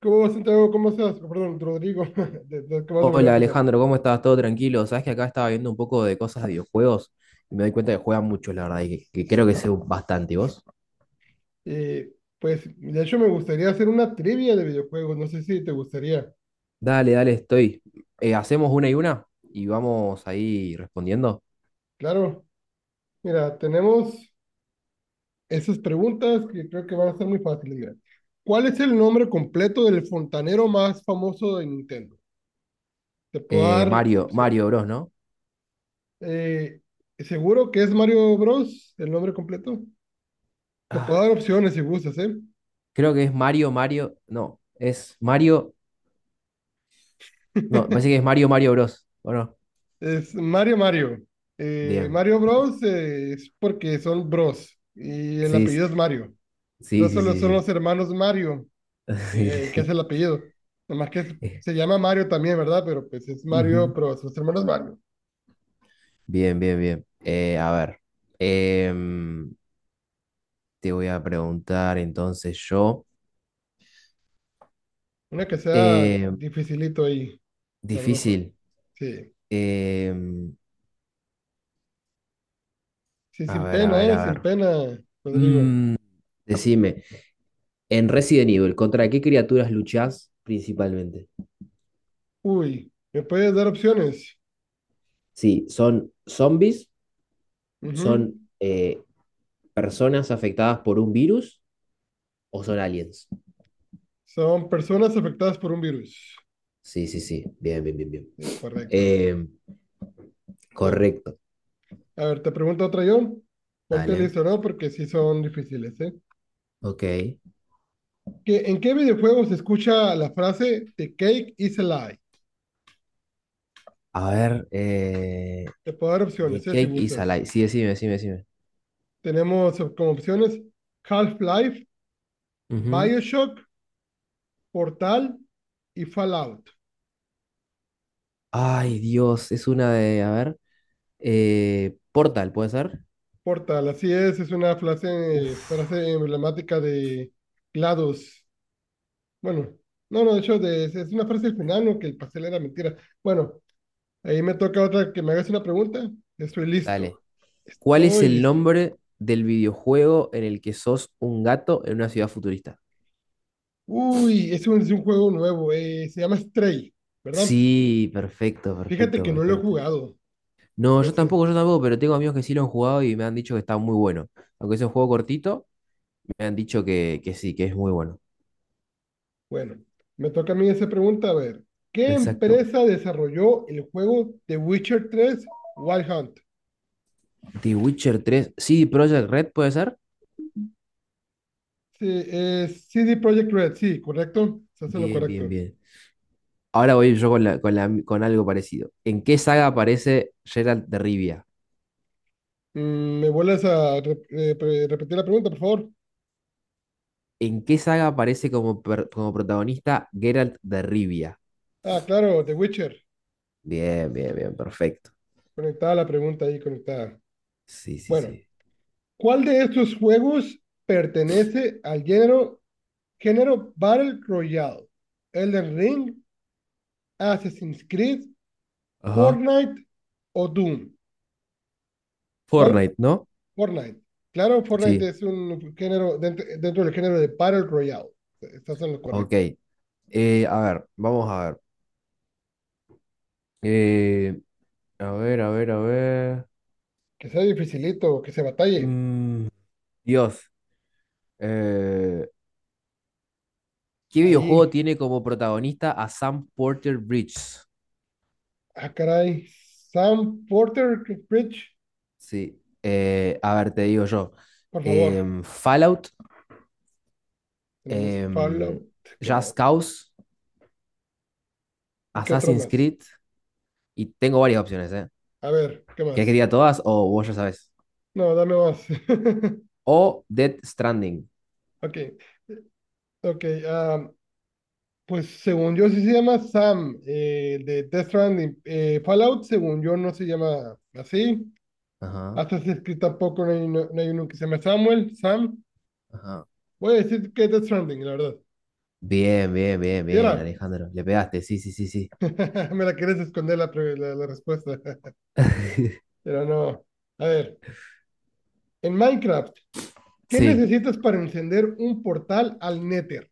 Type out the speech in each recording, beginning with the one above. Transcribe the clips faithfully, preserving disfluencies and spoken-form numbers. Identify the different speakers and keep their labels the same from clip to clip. Speaker 1: ¿Cómo vas, Santiago? ¿Cómo estás? Oh, perdón, Rodrigo. De- de- ¿Cómo vas a volver a
Speaker 2: Hola
Speaker 1: empezar?
Speaker 2: Alejandro, ¿cómo estás? ¿Todo tranquilo? Sabes que acá estaba viendo un poco de cosas de videojuegos y me doy cuenta que juegan mucho, la verdad, y que, que creo que sé bastante. ¿Y vos?
Speaker 1: Eh, pues, de hecho, me gustaría hacer una trivia de videojuegos. No sé si te gustaría.
Speaker 2: Dale, dale, estoy. Eh, hacemos una y una y vamos ahí respondiendo.
Speaker 1: Claro. Mira, tenemos esas preguntas que creo que van a ser muy fáciles. Mira, ¿cuál es el nombre completo del fontanero más famoso de Nintendo? Te puedo
Speaker 2: Eh,
Speaker 1: dar
Speaker 2: Mario,
Speaker 1: opciones.
Speaker 2: Mario Bros, ¿no?
Speaker 1: Eh, ¿Seguro que es Mario Bros. El nombre completo? Te puedo
Speaker 2: Ah,
Speaker 1: dar opciones si gustas, ¿eh?
Speaker 2: creo que es Mario, Mario. No, es Mario. No, parece que es Mario, Mario Bros. ¿O no?
Speaker 1: Es Mario Mario. Eh,
Speaker 2: Bien.
Speaker 1: Mario Bros. eh, es porque son bros y el
Speaker 2: Sí, sí,
Speaker 1: apellido es Mario.
Speaker 2: sí,
Speaker 1: Entonces
Speaker 2: sí,
Speaker 1: solo son
Speaker 2: sí.
Speaker 1: los hermanos Mario,
Speaker 2: Sí,
Speaker 1: eh, que es
Speaker 2: sí,
Speaker 1: el apellido. Nomás que es-
Speaker 2: sí.
Speaker 1: se llama Mario también, ¿verdad? Pero pues es Mario,
Speaker 2: Ujú.
Speaker 1: pero sus hermanos Mario.
Speaker 2: Bien, bien, bien. Eh, a ver. Em, Te voy a preguntar entonces yo.
Speaker 1: Una que sea
Speaker 2: Eh,
Speaker 1: dificilito ahí, sabroso.
Speaker 2: difícil.
Speaker 1: Sí,
Speaker 2: Eh,
Speaker 1: sí,
Speaker 2: a
Speaker 1: sin
Speaker 2: ver, a
Speaker 1: pena,
Speaker 2: ver,
Speaker 1: ¿eh?
Speaker 2: a
Speaker 1: Sin
Speaker 2: ver.
Speaker 1: pena, Rodrigo.
Speaker 2: Mm, decime, en Resident Evil, ¿contra qué criaturas luchás principalmente?
Speaker 1: Uy, ¿me puedes dar opciones?
Speaker 2: Sí, ¿son zombies?
Speaker 1: Ujú.
Speaker 2: ¿Son eh, personas afectadas por un virus? ¿O son aliens?
Speaker 1: Son personas afectadas por un virus.
Speaker 2: Sí, sí, sí. Bien, bien, bien, bien.
Speaker 1: Sí, correcto.
Speaker 2: Eh,
Speaker 1: Bueno.
Speaker 2: correcto.
Speaker 1: A ver, te pregunto otra yo. Ponte
Speaker 2: Dale.
Speaker 1: listo, ¿no? Porque sí son difíciles, ¿eh?
Speaker 2: Ok.
Speaker 1: ¿Qué- ¿En qué videojuego se escucha la frase The cake is a lie?
Speaker 2: A ver, eh,
Speaker 1: Te puedo dar
Speaker 2: The
Speaker 1: opciones, ¿eh? Si
Speaker 2: Cake is
Speaker 1: gustas.
Speaker 2: Alive. Sí, decime, decime, decime.
Speaker 1: Tenemos op- como opciones Half-Life,
Speaker 2: Ujú.
Speaker 1: Bioshock, Portal y Fallout.
Speaker 2: Ay, Dios, es una de, a ver, eh, Portal, ¿puede ser?
Speaker 1: Portal, así es, es una frase,
Speaker 2: Uf,
Speaker 1: frase emblemática de GLaDOS. Bueno, no, no, de hecho, de- es una frase del final, ¿no? Que el pastel era mentira. Bueno, ahí me toca otra que me hagas una pregunta. Estoy
Speaker 2: dale.
Speaker 1: listo.
Speaker 2: ¿Cuál es
Speaker 1: Estoy
Speaker 2: el
Speaker 1: listo.
Speaker 2: nombre del videojuego en el que sos un gato en una ciudad futurista?
Speaker 1: Uy, es un, es un juego nuevo. Eh, se llama Stray, ¿verdad?
Speaker 2: Sí, perfecto,
Speaker 1: Fíjate
Speaker 2: perfecto,
Speaker 1: que no lo he
Speaker 2: perfecto.
Speaker 1: jugado,
Speaker 2: No,
Speaker 1: pero
Speaker 2: yo
Speaker 1: sí.
Speaker 2: tampoco, yo tampoco, pero tengo amigos que sí lo han jugado y me han dicho que está muy bueno. Aunque es un juego cortito, me han dicho que, que sí, que es muy bueno.
Speaker 1: Bueno, me toca a mí esa pregunta. A ver, ¿qué
Speaker 2: Exacto.
Speaker 1: empresa desarrolló el juego The Witcher tres Wild Hunt?
Speaker 2: The Witcher tres, sí, Project Red, ¿puede ser?
Speaker 1: Sí, es C D Projekt Red, sí, correcto. Se hace lo
Speaker 2: Bien, bien,
Speaker 1: correcto.
Speaker 2: bien. Ahora voy yo con, la- con, la- con algo parecido. ¿En qué saga aparece Geralt de Rivia?
Speaker 1: Mm, ¿me vuelves a re- eh, pre- repetir la pregunta, por favor?
Speaker 2: ¿En qué saga aparece como, per- como protagonista Geralt de Rivia?
Speaker 1: Ah, claro, The Witcher.
Speaker 2: Bien, bien, bien, perfecto.
Speaker 1: Conectada la pregunta ahí, conectada.
Speaker 2: Sí, sí,
Speaker 1: Bueno,
Speaker 2: sí.
Speaker 1: ¿cuál de estos juegos pertenece al género, género Battle Royale? Elden Ring, Assassin's Creed,
Speaker 2: Ajá.
Speaker 1: Fortnite o Doom. ¿Cuál?
Speaker 2: Fortnite, ¿no?
Speaker 1: Fortnite. Claro, Fortnite
Speaker 2: Sí,
Speaker 1: es un género dentro, dentro del género de Battle Royale. Estás en lo
Speaker 2: ok.
Speaker 1: correcto.
Speaker 2: Eh, a ver, vamos a ver. Eh, a ver, a ver, a ver.
Speaker 1: Que sea dificilito, que se batalle.
Speaker 2: Mm, Dios. Eh, ¿qué videojuego
Speaker 1: Ahí,
Speaker 2: tiene como protagonista a Sam Porter Bridges?
Speaker 1: ah, caray. Sam Porter Bridge,
Speaker 2: Sí, eh, a ver, te digo yo.
Speaker 1: por favor.
Speaker 2: Em, Fallout,
Speaker 1: Tenemos
Speaker 2: em,
Speaker 1: Fallout. ¿Qué
Speaker 2: Just
Speaker 1: más?
Speaker 2: Cause,
Speaker 1: ¿Y qué otro
Speaker 2: Assassin's
Speaker 1: más?
Speaker 2: Creed, y tengo varias opciones, ¿eh?
Speaker 1: A ver, ¿qué más?
Speaker 2: ¿Quieres que diga todas o vos ya sabes?
Speaker 1: No, dame más.
Speaker 2: O Death Stranding.
Speaker 1: Ok, ok. Am, pues según yo sí se llama Sam, eh, de Death Stranding. Eh, Fallout, según yo, no se llama así.
Speaker 2: Ajá,
Speaker 1: Hasta se escribe tampoco, no hay, uno- no hay uno que se llama Samuel, Sam.
Speaker 2: ajá.
Speaker 1: Voy a decir que Death Stranding, la verdad.
Speaker 2: Bien, bien, bien,
Speaker 1: Era,
Speaker 2: bien, Alejandro. Le pegaste, sí, sí, sí, sí.
Speaker 1: me la quieres esconder la, pre- la, la respuesta. Pero no. A ver, en Minecraft, ¿qué
Speaker 2: Sí,
Speaker 1: necesitas para encender un portal al Nether?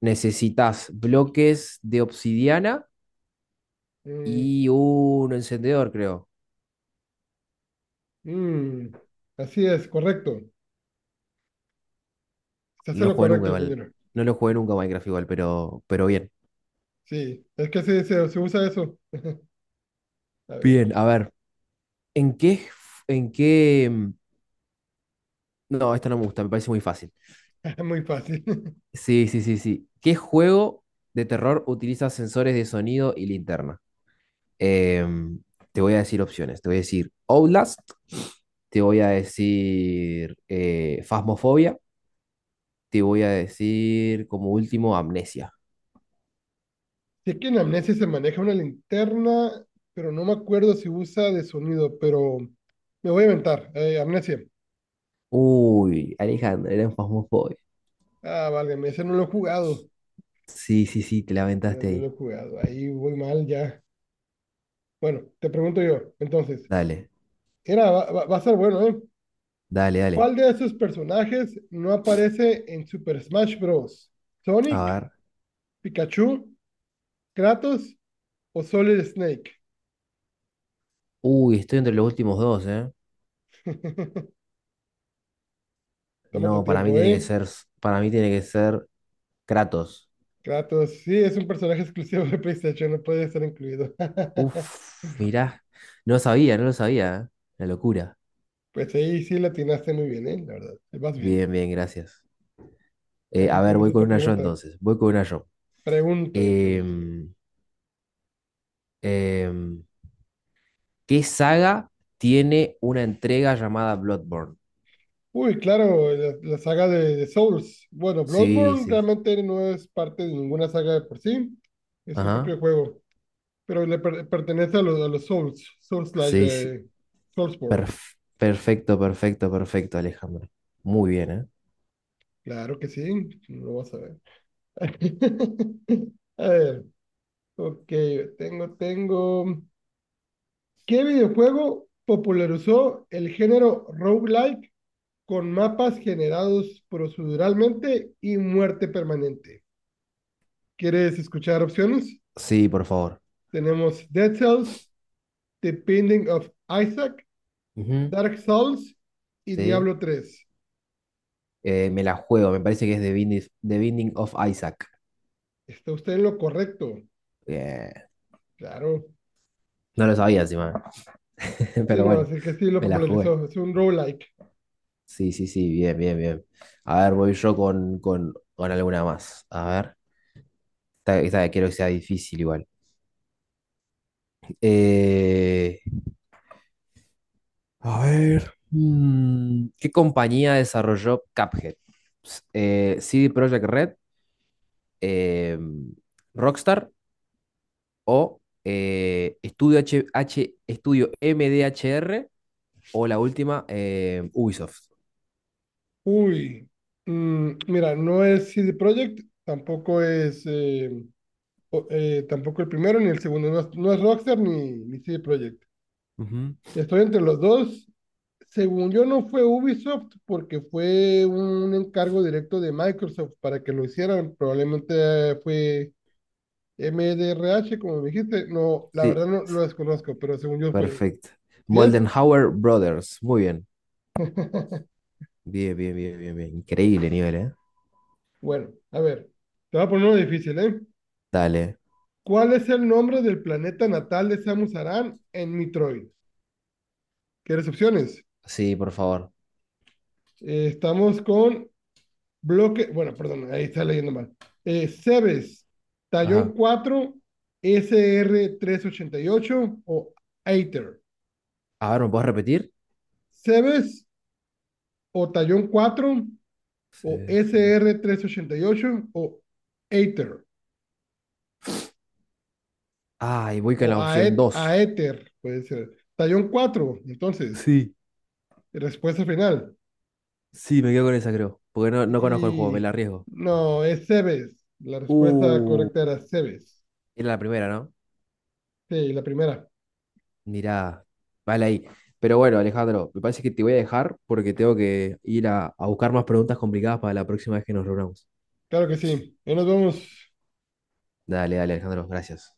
Speaker 2: necesitas bloques de obsidiana
Speaker 1: Mm,
Speaker 2: y un encendedor, creo.
Speaker 1: mm, así es, correcto. Se
Speaker 2: No
Speaker 1: hace
Speaker 2: lo
Speaker 1: lo
Speaker 2: jugué nunca
Speaker 1: correcto,
Speaker 2: igual.
Speaker 1: compañero.
Speaker 2: No lo jugué nunca Minecraft igual, pero, pero bien.
Speaker 1: Sí, es que se, se, se usa eso. A
Speaker 2: Bien,
Speaker 1: ver,
Speaker 2: a ver. ¿En qué, en qué... mm, No, esta no me gusta, me parece muy fácil.
Speaker 1: muy fácil.
Speaker 2: Sí, sí, sí, sí. ¿Qué juego de terror utiliza sensores de sonido y linterna? Em, te voy a decir opciones. Te voy a decir Outlast, te voy a decir eh, Phasmophobia, te voy a decir como último Amnesia.
Speaker 1: Sé que en Amnesia se maneja una linterna, pero no me acuerdo si usa de sonido, pero me voy a inventar. Eh, Amnesia.
Speaker 2: Uy, Alejandro, era un Phasmophobia.
Speaker 1: Ah, válgame, ese no lo he jugado.
Speaker 2: Sí, sí, sí, te la
Speaker 1: Sí, no,
Speaker 2: aventaste
Speaker 1: no lo he
Speaker 2: ahí.
Speaker 1: jugado. Ahí voy mal ya. Bueno, te pregunto yo, entonces.
Speaker 2: Dale,
Speaker 1: Era, va, va- va a ser bueno, ¿eh?
Speaker 2: dale, dale.
Speaker 1: ¿Cuál de esos personajes no aparece en Super Smash Bros?
Speaker 2: A
Speaker 1: ¿Sonic,
Speaker 2: ver.
Speaker 1: Pikachu, Kratos o Solid Snake?
Speaker 2: Uy, estoy entre los últimos dos, ¿eh?
Speaker 1: Toma tu
Speaker 2: No, para mí
Speaker 1: tiempo,
Speaker 2: tiene que
Speaker 1: ¿eh?
Speaker 2: ser, para mí tiene que ser Kratos.
Speaker 1: Kratos, sí, es un personaje exclusivo de PlayStation, no puede estar incluido.
Speaker 2: Uf, mirá, no lo sabía, no lo sabía, ¿eh? La locura.
Speaker 1: Pues ahí sí la atinaste muy bien, ¿eh? La verdad, te vas bien.
Speaker 2: Bien, bien, gracias.
Speaker 1: A
Speaker 2: Eh,
Speaker 1: ver si
Speaker 2: a ver,
Speaker 1: tienes
Speaker 2: voy con
Speaker 1: otra
Speaker 2: una yo
Speaker 1: pregunta.
Speaker 2: entonces, voy con una yo.
Speaker 1: Pregúntame, pregúntame.
Speaker 2: Em, em, ¿qué saga tiene una entrega llamada Bloodborne?
Speaker 1: Uy, claro, la, la saga de, de Souls. Bueno,
Speaker 2: Sí,
Speaker 1: Bloodborne
Speaker 2: sí, sí.
Speaker 1: realmente no es parte de ninguna saga de por sí, es su
Speaker 2: Ajá,
Speaker 1: propio juego, pero le per- pertenece a los, a los Souls, Souls-like,
Speaker 2: sí, sí.
Speaker 1: eh, Soulsborne.
Speaker 2: Perf- perfecto, perfecto, perfecto, Alejandro. Muy bien, ¿eh?
Speaker 1: Claro que sí, lo vas a ver. A ver, ok, tengo, tengo. ¿Qué videojuego popularizó el género roguelike con mapas generados proceduralmente y muerte permanente? ¿Quieres escuchar opciones?
Speaker 2: Sí, por favor.
Speaker 1: Tenemos Dead Cells, The Binding of Isaac,
Speaker 2: Ujú,
Speaker 1: Dark Souls y
Speaker 2: sí,
Speaker 1: Diablo tres.
Speaker 2: Eh, me la juego, me parece que es The Binding, The Binding of Isaac.
Speaker 1: ¿Está usted en lo correcto?
Speaker 2: Bien.
Speaker 1: Claro.
Speaker 2: No lo sabía encima,
Speaker 1: Sí,
Speaker 2: pero
Speaker 1: no,
Speaker 2: bueno,
Speaker 1: así que sí lo
Speaker 2: me la jugué.
Speaker 1: popularizó. Es un roguelike.
Speaker 2: Sí, sí, sí, bien, bien, bien. A ver, voy yo con, con, con alguna más. A ver, esta, esta quiero que sea difícil igual. Eh, a ver, mm, ¿qué compañía desarrolló Cuphead? S- eh, C D Projekt Red, eh, Rockstar o eh, Estudio H, H- Estudio M D H R o la última eh, Ubisoft.
Speaker 1: Uy. Mm, mira, no es C D Projekt, tampoco es eh, o- eh, tampoco el primero ni el segundo, no es, no es Rockstar ni, ni C D Projekt.
Speaker 2: Ujú.
Speaker 1: Estoy entre los dos. Según yo, no fue Ubisoft porque fue un encargo directo de Microsoft para que lo hicieran. Probablemente fue M D R H, como me dijiste. No, la
Speaker 2: Sí,
Speaker 1: verdad no lo desconozco, pero según yo fue.
Speaker 2: perfecto.
Speaker 1: ¿Sí es?
Speaker 2: Moldenhauer Brothers. Muy bien. Bien, bien, bien, bien, bien. Increíble nivel, ¿eh?
Speaker 1: Bueno, a ver, te voy a poner uno difícil, ¿eh?
Speaker 2: Dale.
Speaker 1: ¿Cuál es el nombre del planeta natal de Samus Aran en Metroid? ¿Quieres opciones?
Speaker 2: Sí, por favor.
Speaker 1: Eh, estamos con Bloque, bueno, perdón, ahí está leyendo mal. Eh, Cebes, Tallón
Speaker 2: Ajá.
Speaker 1: cuatro, sr ocho o Aether.
Speaker 2: A ver, ¿me puedes repetir?
Speaker 1: Cebes o Tallón cuatro o
Speaker 2: Sí, sí.
Speaker 1: sr ocho o Aether
Speaker 2: Ah, y voy con
Speaker 1: o
Speaker 2: la opción
Speaker 1: Aet,
Speaker 2: dos.
Speaker 1: Aether, puede ser. Tallón cuatro entonces,
Speaker 2: Sí,
Speaker 1: respuesta final.
Speaker 2: sí, me quedo con esa, creo. Porque no, no conozco el juego, me la
Speaker 1: Y
Speaker 2: arriesgo.
Speaker 1: no, es Cebes. La respuesta
Speaker 2: Uh,
Speaker 1: correcta era Cebes.
Speaker 2: era la primera, ¿no?
Speaker 1: Sí, la primera.
Speaker 2: Mirá, vale ahí. Pero bueno, Alejandro, me parece que te voy a dejar porque tengo que ir a, a buscar más preguntas complicadas para la próxima vez que nos reunamos.
Speaker 1: Claro que sí. Y nos vemos.
Speaker 2: Dale, dale, Alejandro, gracias.